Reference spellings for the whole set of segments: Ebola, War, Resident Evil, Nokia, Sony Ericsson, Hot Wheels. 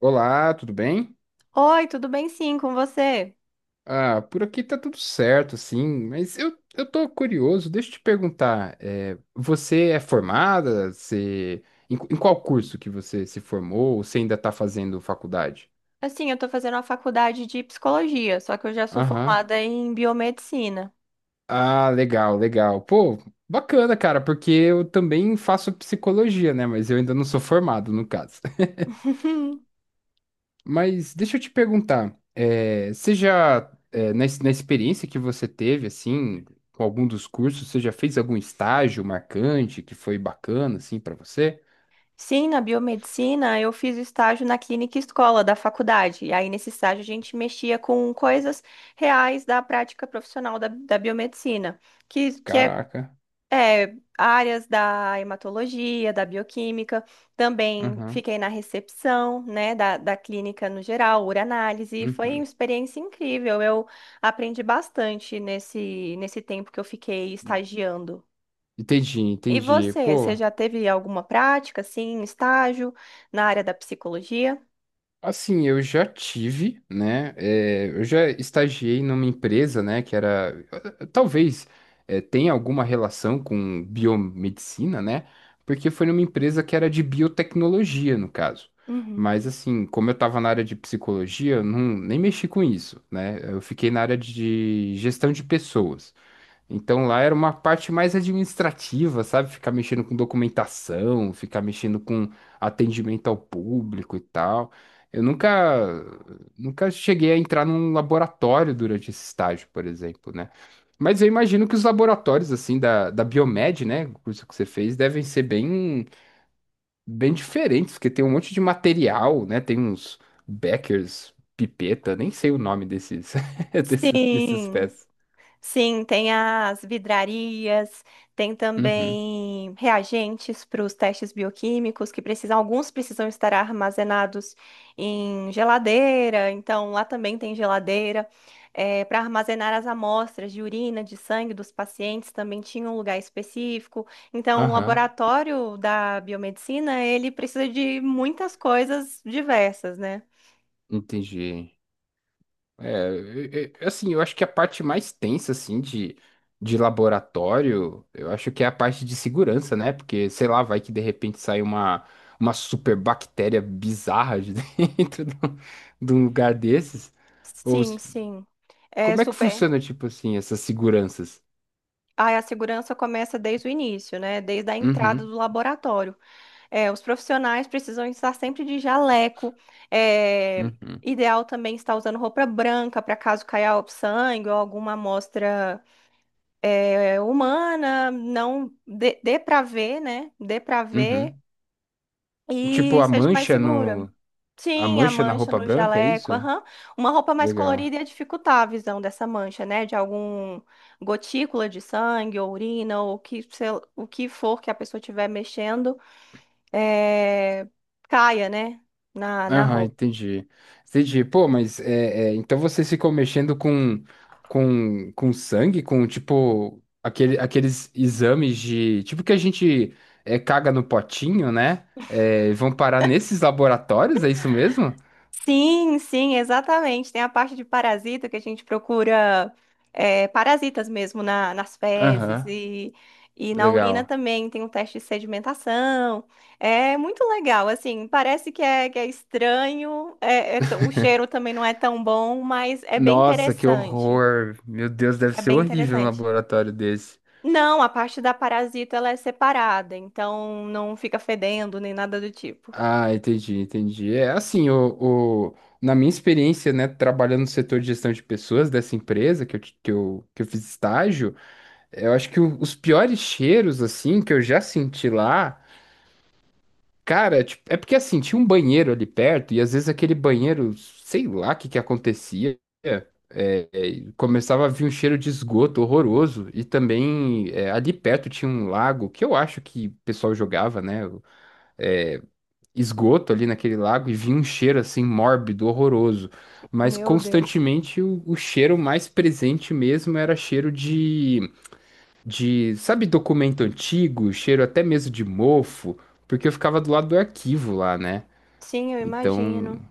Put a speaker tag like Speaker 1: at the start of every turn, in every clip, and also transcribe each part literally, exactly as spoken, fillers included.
Speaker 1: Olá, tudo bem?
Speaker 2: Oi, tudo bem sim com você?
Speaker 1: Ah, por aqui tá tudo certo, sim, mas eu, eu tô curioso, deixa eu te perguntar, é, você é formada? Você, em, em qual curso que você se formou? Ou você ainda tá fazendo faculdade?
Speaker 2: Assim, eu tô fazendo a faculdade de psicologia, só que eu já sou
Speaker 1: Aham.
Speaker 2: formada em biomedicina.
Speaker 1: Ah, legal, legal. Pô, bacana, cara, porque eu também faço psicologia, né? Mas eu ainda não sou formado, no caso. Mas deixa eu te perguntar, eh, você já, eh, na, ex- na experiência que você teve, assim, com algum dos cursos, você já fez algum estágio marcante que foi bacana, assim, pra você?
Speaker 2: Sim, na biomedicina eu fiz estágio na clínica escola da faculdade. E aí, nesse estágio, a gente mexia com coisas reais da prática profissional da, da biomedicina, que, que é
Speaker 1: Caraca.
Speaker 2: É, áreas da hematologia, da bioquímica, também
Speaker 1: Aham.
Speaker 2: fiquei na recepção, né, da, da clínica no geral, uranálise, foi uma
Speaker 1: Uhum.
Speaker 2: experiência incrível, eu aprendi bastante nesse, nesse tempo que eu fiquei estagiando.
Speaker 1: Entendi,
Speaker 2: E
Speaker 1: entendi.
Speaker 2: você,
Speaker 1: Pô.
Speaker 2: você já teve alguma prática, assim, estágio na área da psicologia?
Speaker 1: Assim, eu já tive, né? eh, eu já estagiei numa empresa, né? Que era, eh, talvez, eh, tenha alguma relação com biomedicina, né? Porque foi numa empresa que era de biotecnologia, no caso.
Speaker 2: Uhum.
Speaker 1: Mas, assim, como eu estava na área de psicologia, eu não, nem mexi com isso, né? Eu fiquei na área de gestão de pessoas. Então lá era uma parte mais administrativa, sabe? Ficar mexendo com documentação, ficar mexendo com atendimento ao público e tal. Eu nunca, nunca cheguei a entrar num laboratório durante esse estágio, por exemplo, né? Mas eu imagino que os laboratórios, assim, da, da, Biomed, né? O curso que você fez, devem ser bem, bem diferentes, porque tem um monte de material, né? Tem uns Beckers, pipeta, nem sei o nome desses, desses, dessas
Speaker 2: Sim.
Speaker 1: peças.
Speaker 2: Sim, tem as vidrarias, tem
Speaker 1: Uhum.
Speaker 2: também reagentes para os testes bioquímicos que precisam, alguns precisam estar armazenados em geladeira, então lá também tem geladeira. É, para armazenar as amostras de urina, de sangue dos pacientes, também tinha um lugar específico. Então, o
Speaker 1: Aham.
Speaker 2: laboratório da biomedicina, ele precisa de muitas coisas diversas, né?
Speaker 1: Entendi. É, é, é, assim, eu acho que a parte mais tensa, assim, de, de laboratório, eu acho que é a parte de segurança, né? Porque, sei lá, vai que de repente sai uma, uma super bactéria bizarra de dentro de um de um lugar desses. Ou
Speaker 2: Sim,
Speaker 1: s-
Speaker 2: sim. É
Speaker 1: como é que
Speaker 2: super.
Speaker 1: funciona, tipo assim, essas seguranças?
Speaker 2: Aí a segurança começa desde o início, né? Desde a entrada
Speaker 1: Uhum,
Speaker 2: do laboratório. É, os profissionais precisam estar sempre de jaleco. é,
Speaker 1: uhum,
Speaker 2: Ideal também estar usando roupa branca para caso caia sangue ou alguma amostra é, humana. Não dê, dê para ver, né? Dê para ver
Speaker 1: uhum. Tipo,
Speaker 2: e
Speaker 1: a
Speaker 2: seja mais
Speaker 1: mancha
Speaker 2: segura.
Speaker 1: no, a
Speaker 2: Sim, a
Speaker 1: mancha na
Speaker 2: mancha
Speaker 1: roupa
Speaker 2: no
Speaker 1: branca, é isso?
Speaker 2: jaleco, aham. Uma roupa mais
Speaker 1: Legal.
Speaker 2: colorida ia dificultar a visão dessa mancha, né? De algum gotícula de sangue, ou urina, ou o que, sei lá, o que for que a pessoa estiver mexendo, é, caia, né? Na, na
Speaker 1: Aham,
Speaker 2: roupa.
Speaker 1: entendi. Entendi. Pô, mas é, é, então vocês ficam mexendo com, com, com sangue, com tipo aquele, aqueles exames de. Tipo que a gente é, caga no potinho, né? É, vão parar nesses laboratórios, é isso mesmo?
Speaker 2: Sim, sim, exatamente. Tem a parte de parasita que a gente procura é, parasitas mesmo na, nas fezes
Speaker 1: Aham,
Speaker 2: e, e na urina
Speaker 1: legal.
Speaker 2: também tem um teste de sedimentação. É muito legal, assim, parece que é, que é estranho, é- é t- o cheiro também não é tão bom, mas é bem
Speaker 1: Nossa, que
Speaker 2: interessante.
Speaker 1: horror. Meu Deus, deve
Speaker 2: É
Speaker 1: ser
Speaker 2: bem
Speaker 1: horrível um
Speaker 2: interessante.
Speaker 1: laboratório desse.
Speaker 2: Não, a parte da parasita ela é separada, então não fica fedendo nem nada do tipo.
Speaker 1: Ah, entendi, entendi. É assim, o, o- na minha experiência, né, trabalhando no setor de gestão de pessoas dessa empresa que eu, ti- que eu, que eu fiz estágio, eu acho que o- os piores cheiros, assim, que eu já senti lá, cara, tipo, é porque, assim, tinha um banheiro ali perto e, às vezes, aquele banheiro, sei lá o que que acontecia, é, é, começava a vir um cheiro de esgoto horroroso e também, é, ali perto tinha um lago que eu acho que o pessoal jogava, né, esgoto ali naquele lago e vinha um cheiro assim mórbido, horroroso. Mas
Speaker 2: Meu Deus.
Speaker 1: constantemente o, o cheiro mais presente mesmo era cheiro de, de, sabe, documento antigo, cheiro até mesmo de mofo, porque eu ficava do lado do arquivo lá, né?
Speaker 2: Sim, eu
Speaker 1: Então,
Speaker 2: imagino.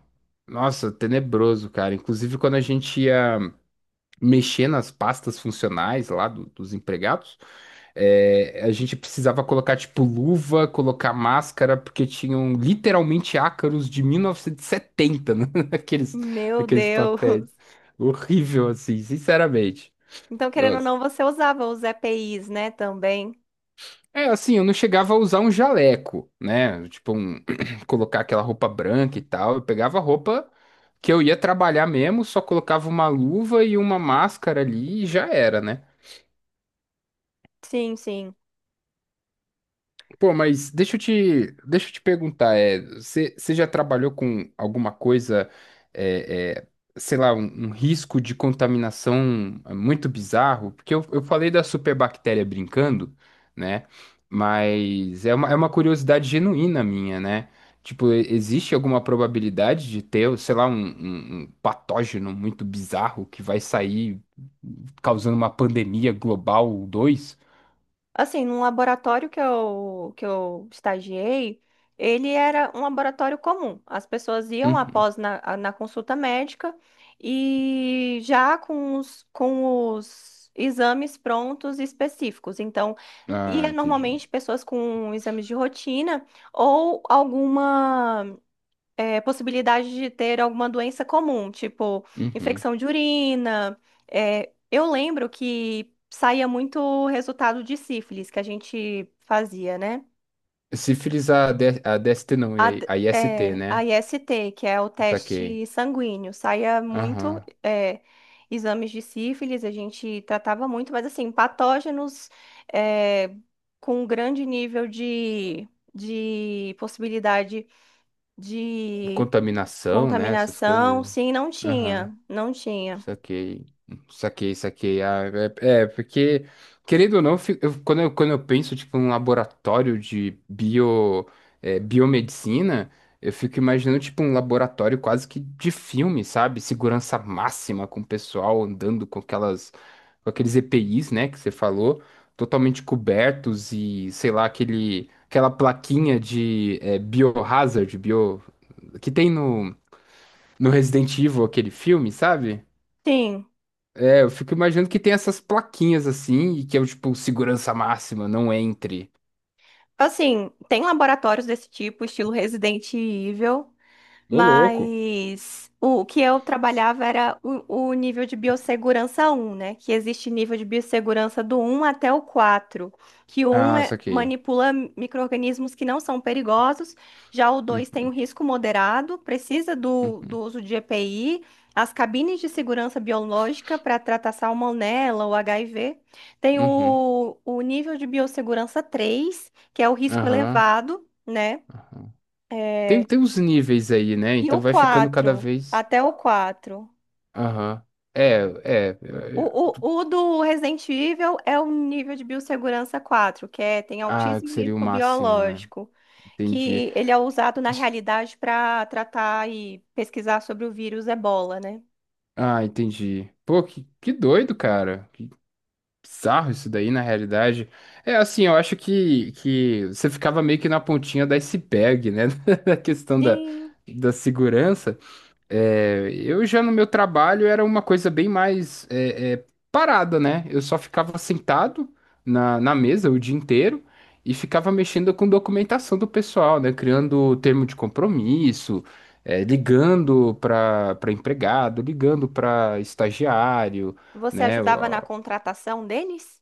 Speaker 1: nossa, tenebroso, cara. Inclusive, quando a gente ia mexer nas pastas funcionais lá do- dos empregados, é, a gente precisava colocar, tipo, luva, colocar máscara, porque tinham literalmente ácaros de mil novecentos e setenta, né, naqueles,
Speaker 2: Meu
Speaker 1: naqueles papéis.
Speaker 2: Deus.
Speaker 1: Horrível, assim, sinceramente.
Speaker 2: Então, querendo ou
Speaker 1: Nossa.
Speaker 2: não, você usava os E P Is, né, também?
Speaker 1: É, assim, eu não chegava a usar um jaleco, né? Tipo, um, colocar aquela roupa branca e tal. Eu pegava a roupa que eu ia trabalhar mesmo, só colocava uma luva e uma máscara ali e já era, né?
Speaker 2: Sim, sim.
Speaker 1: Pô, mas deixa eu te, deixa eu te perguntar, é, você você já trabalhou com alguma coisa, é, é, sei lá, um, um risco de contaminação é, muito bizarro? Porque eu, eu falei da superbactéria brincando, né? Mas é uma, é uma curiosidade genuína minha, né? Tipo, e- existe alguma probabilidade de ter, sei lá, um, um um patógeno muito bizarro que vai sair causando uma pandemia global dois?
Speaker 2: Assim, num laboratório que eu, que eu estagiei, ele era um laboratório comum. As pessoas iam
Speaker 1: Uhum.
Speaker 2: após na, a, na consulta médica e já com os, com os exames prontos e específicos. Então,
Speaker 1: Ah,
Speaker 2: ia
Speaker 1: entendi.
Speaker 2: normalmente pessoas com exames de rotina ou alguma. É, possibilidade de ter alguma doença comum, tipo
Speaker 1: Uhum.
Speaker 2: infecção de urina. É, eu lembro que saía muito resultado de sífilis que a gente fazia, né?
Speaker 1: Sífilis a, D, a D S T não,
Speaker 2: A,
Speaker 1: e
Speaker 2: d-
Speaker 1: a, a I S T,
Speaker 2: é, a
Speaker 1: né?
Speaker 2: I S T, que é o
Speaker 1: Saquei.
Speaker 2: teste sanguíneo, saía muito
Speaker 1: Aham.
Speaker 2: é, exames de sífilis, a gente tratava muito, mas assim, patógenos é, com grande nível de, de possibilidade de
Speaker 1: Contaminação, né? Essas
Speaker 2: contaminação.
Speaker 1: coisas.
Speaker 2: Sim, não
Speaker 1: Aham.
Speaker 2: tinha, não tinha.
Speaker 1: Saquei, saquei, saquei. Ah, é, é, porque, querendo ou não, eu fi- eu- quando eu, quando eu penso, tipo, um laboratório de bio, é, biomedicina, eu fico imaginando, tipo, um laboratório quase que de filme, sabe? Segurança máxima, com o pessoal andando com aquelas, com aqueles E P Is, né, que você falou, totalmente cobertos e, sei lá, aquele, aquela plaquinha de é, biohazard, bio, que tem no, no Resident Evil, aquele filme, sabe?
Speaker 2: Sim.
Speaker 1: É, eu fico imaginando que tem essas plaquinhas assim, e que é o tipo segurança máxima, não entre.
Speaker 2: Assim, tem laboratórios desse tipo, estilo Resident Evil,
Speaker 1: Ô, louco.
Speaker 2: mas o que eu trabalhava era o, o nível de biossegurança um, né? Que existe nível de biossegurança do um até o quatro. Que o um
Speaker 1: Ah,
Speaker 2: é
Speaker 1: saquei.
Speaker 2: manipula micro-organismos que não são perigosos, já o dois tem
Speaker 1: Uhum,
Speaker 2: um risco moderado, precisa do, do
Speaker 1: uhum,
Speaker 2: uso de E P I, as cabines de segurança biológica para tratar salmonela ou H I V. Tem
Speaker 1: uhum,
Speaker 2: o, o nível de biossegurança três, que é o risco
Speaker 1: aham,
Speaker 2: elevado, né?
Speaker 1: aham. Tem,
Speaker 2: É,
Speaker 1: tem uns níveis aí, né?
Speaker 2: e
Speaker 1: Então
Speaker 2: o
Speaker 1: vai ficando cada
Speaker 2: quatro,
Speaker 1: vez.
Speaker 2: até o quatro.
Speaker 1: Aham. É, é. É,
Speaker 2: O,
Speaker 1: é.
Speaker 2: o, o do Resident Evil é o nível de biossegurança quatro, que é, tem
Speaker 1: Ah, que
Speaker 2: altíssimo
Speaker 1: seria o
Speaker 2: risco
Speaker 1: máximo, né?
Speaker 2: biológico,
Speaker 1: Entendi.
Speaker 2: que ele é usado na realidade para tratar e pesquisar sobre o vírus Ebola, né?
Speaker 1: Ah, entendi. Pô, que, que doido, cara. Bizarro isso daí, na realidade. É assim, eu acho que, que você ficava meio que na pontinha do iceberg, né? Na questão da,
Speaker 2: Sim.
Speaker 1: da segurança. É, eu já no meu trabalho era uma coisa bem mais é, é, parada, né? Eu só ficava sentado na, na mesa o dia inteiro e ficava mexendo com documentação do pessoal, né? Criando termo de compromisso, é, ligando para para empregado, ligando para estagiário,
Speaker 2: Você
Speaker 1: né?
Speaker 2: ajudava na contratação deles?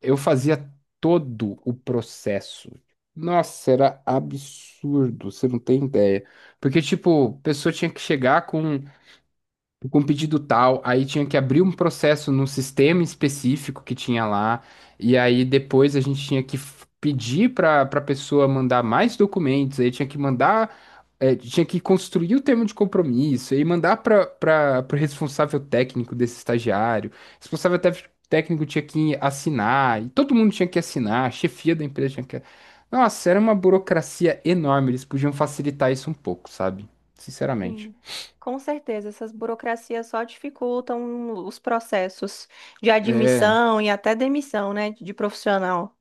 Speaker 1: Eu fazia todo o processo. Nossa, era absurdo, você não tem ideia. Porque, tipo, a pessoa tinha que chegar com com um pedido tal, aí tinha que abrir um processo num sistema específico que tinha lá, e aí depois a gente tinha que f- pedir para para a pessoa mandar mais documentos, aí tinha que mandar, eh, tinha que construir o termo de compromisso, e mandar para para o responsável técnico desse estagiário, responsável tef- técnico tinha que assinar, e todo mundo tinha que assinar, a chefia da empresa tinha que... Nossa, era uma burocracia enorme, eles podiam facilitar isso um pouco, sabe? Sinceramente.
Speaker 2: Sim. Com certeza, essas burocracias só dificultam os processos de
Speaker 1: É.
Speaker 2: admissão e até demissão, né, de profissional.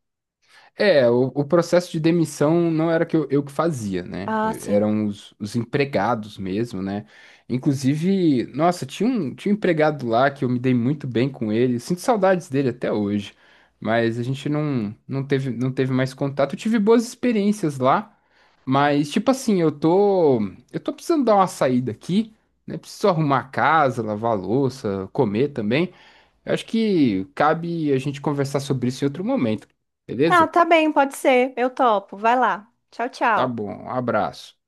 Speaker 1: É, o, o processo de demissão não era que eu, eu que fazia, né?
Speaker 2: Ah, sim.
Speaker 1: Eram os, os empregados mesmo, né? Inclusive, nossa, tinha um, tinha um empregado lá que eu me dei muito bem com ele. Sinto saudades dele até hoje, mas a gente não, não teve, não teve mais contato. Eu tive boas experiências lá, mas tipo assim, eu tô, eu tô precisando dar uma saída aqui, né? Preciso arrumar a casa, lavar a louça, comer também. Eu acho que cabe a gente conversar sobre isso em outro momento,
Speaker 2: Ah,
Speaker 1: beleza?
Speaker 2: tá bem, pode ser. Eu topo. Vai lá. Tchau,
Speaker 1: Tá
Speaker 2: tchau.
Speaker 1: bom, abraço.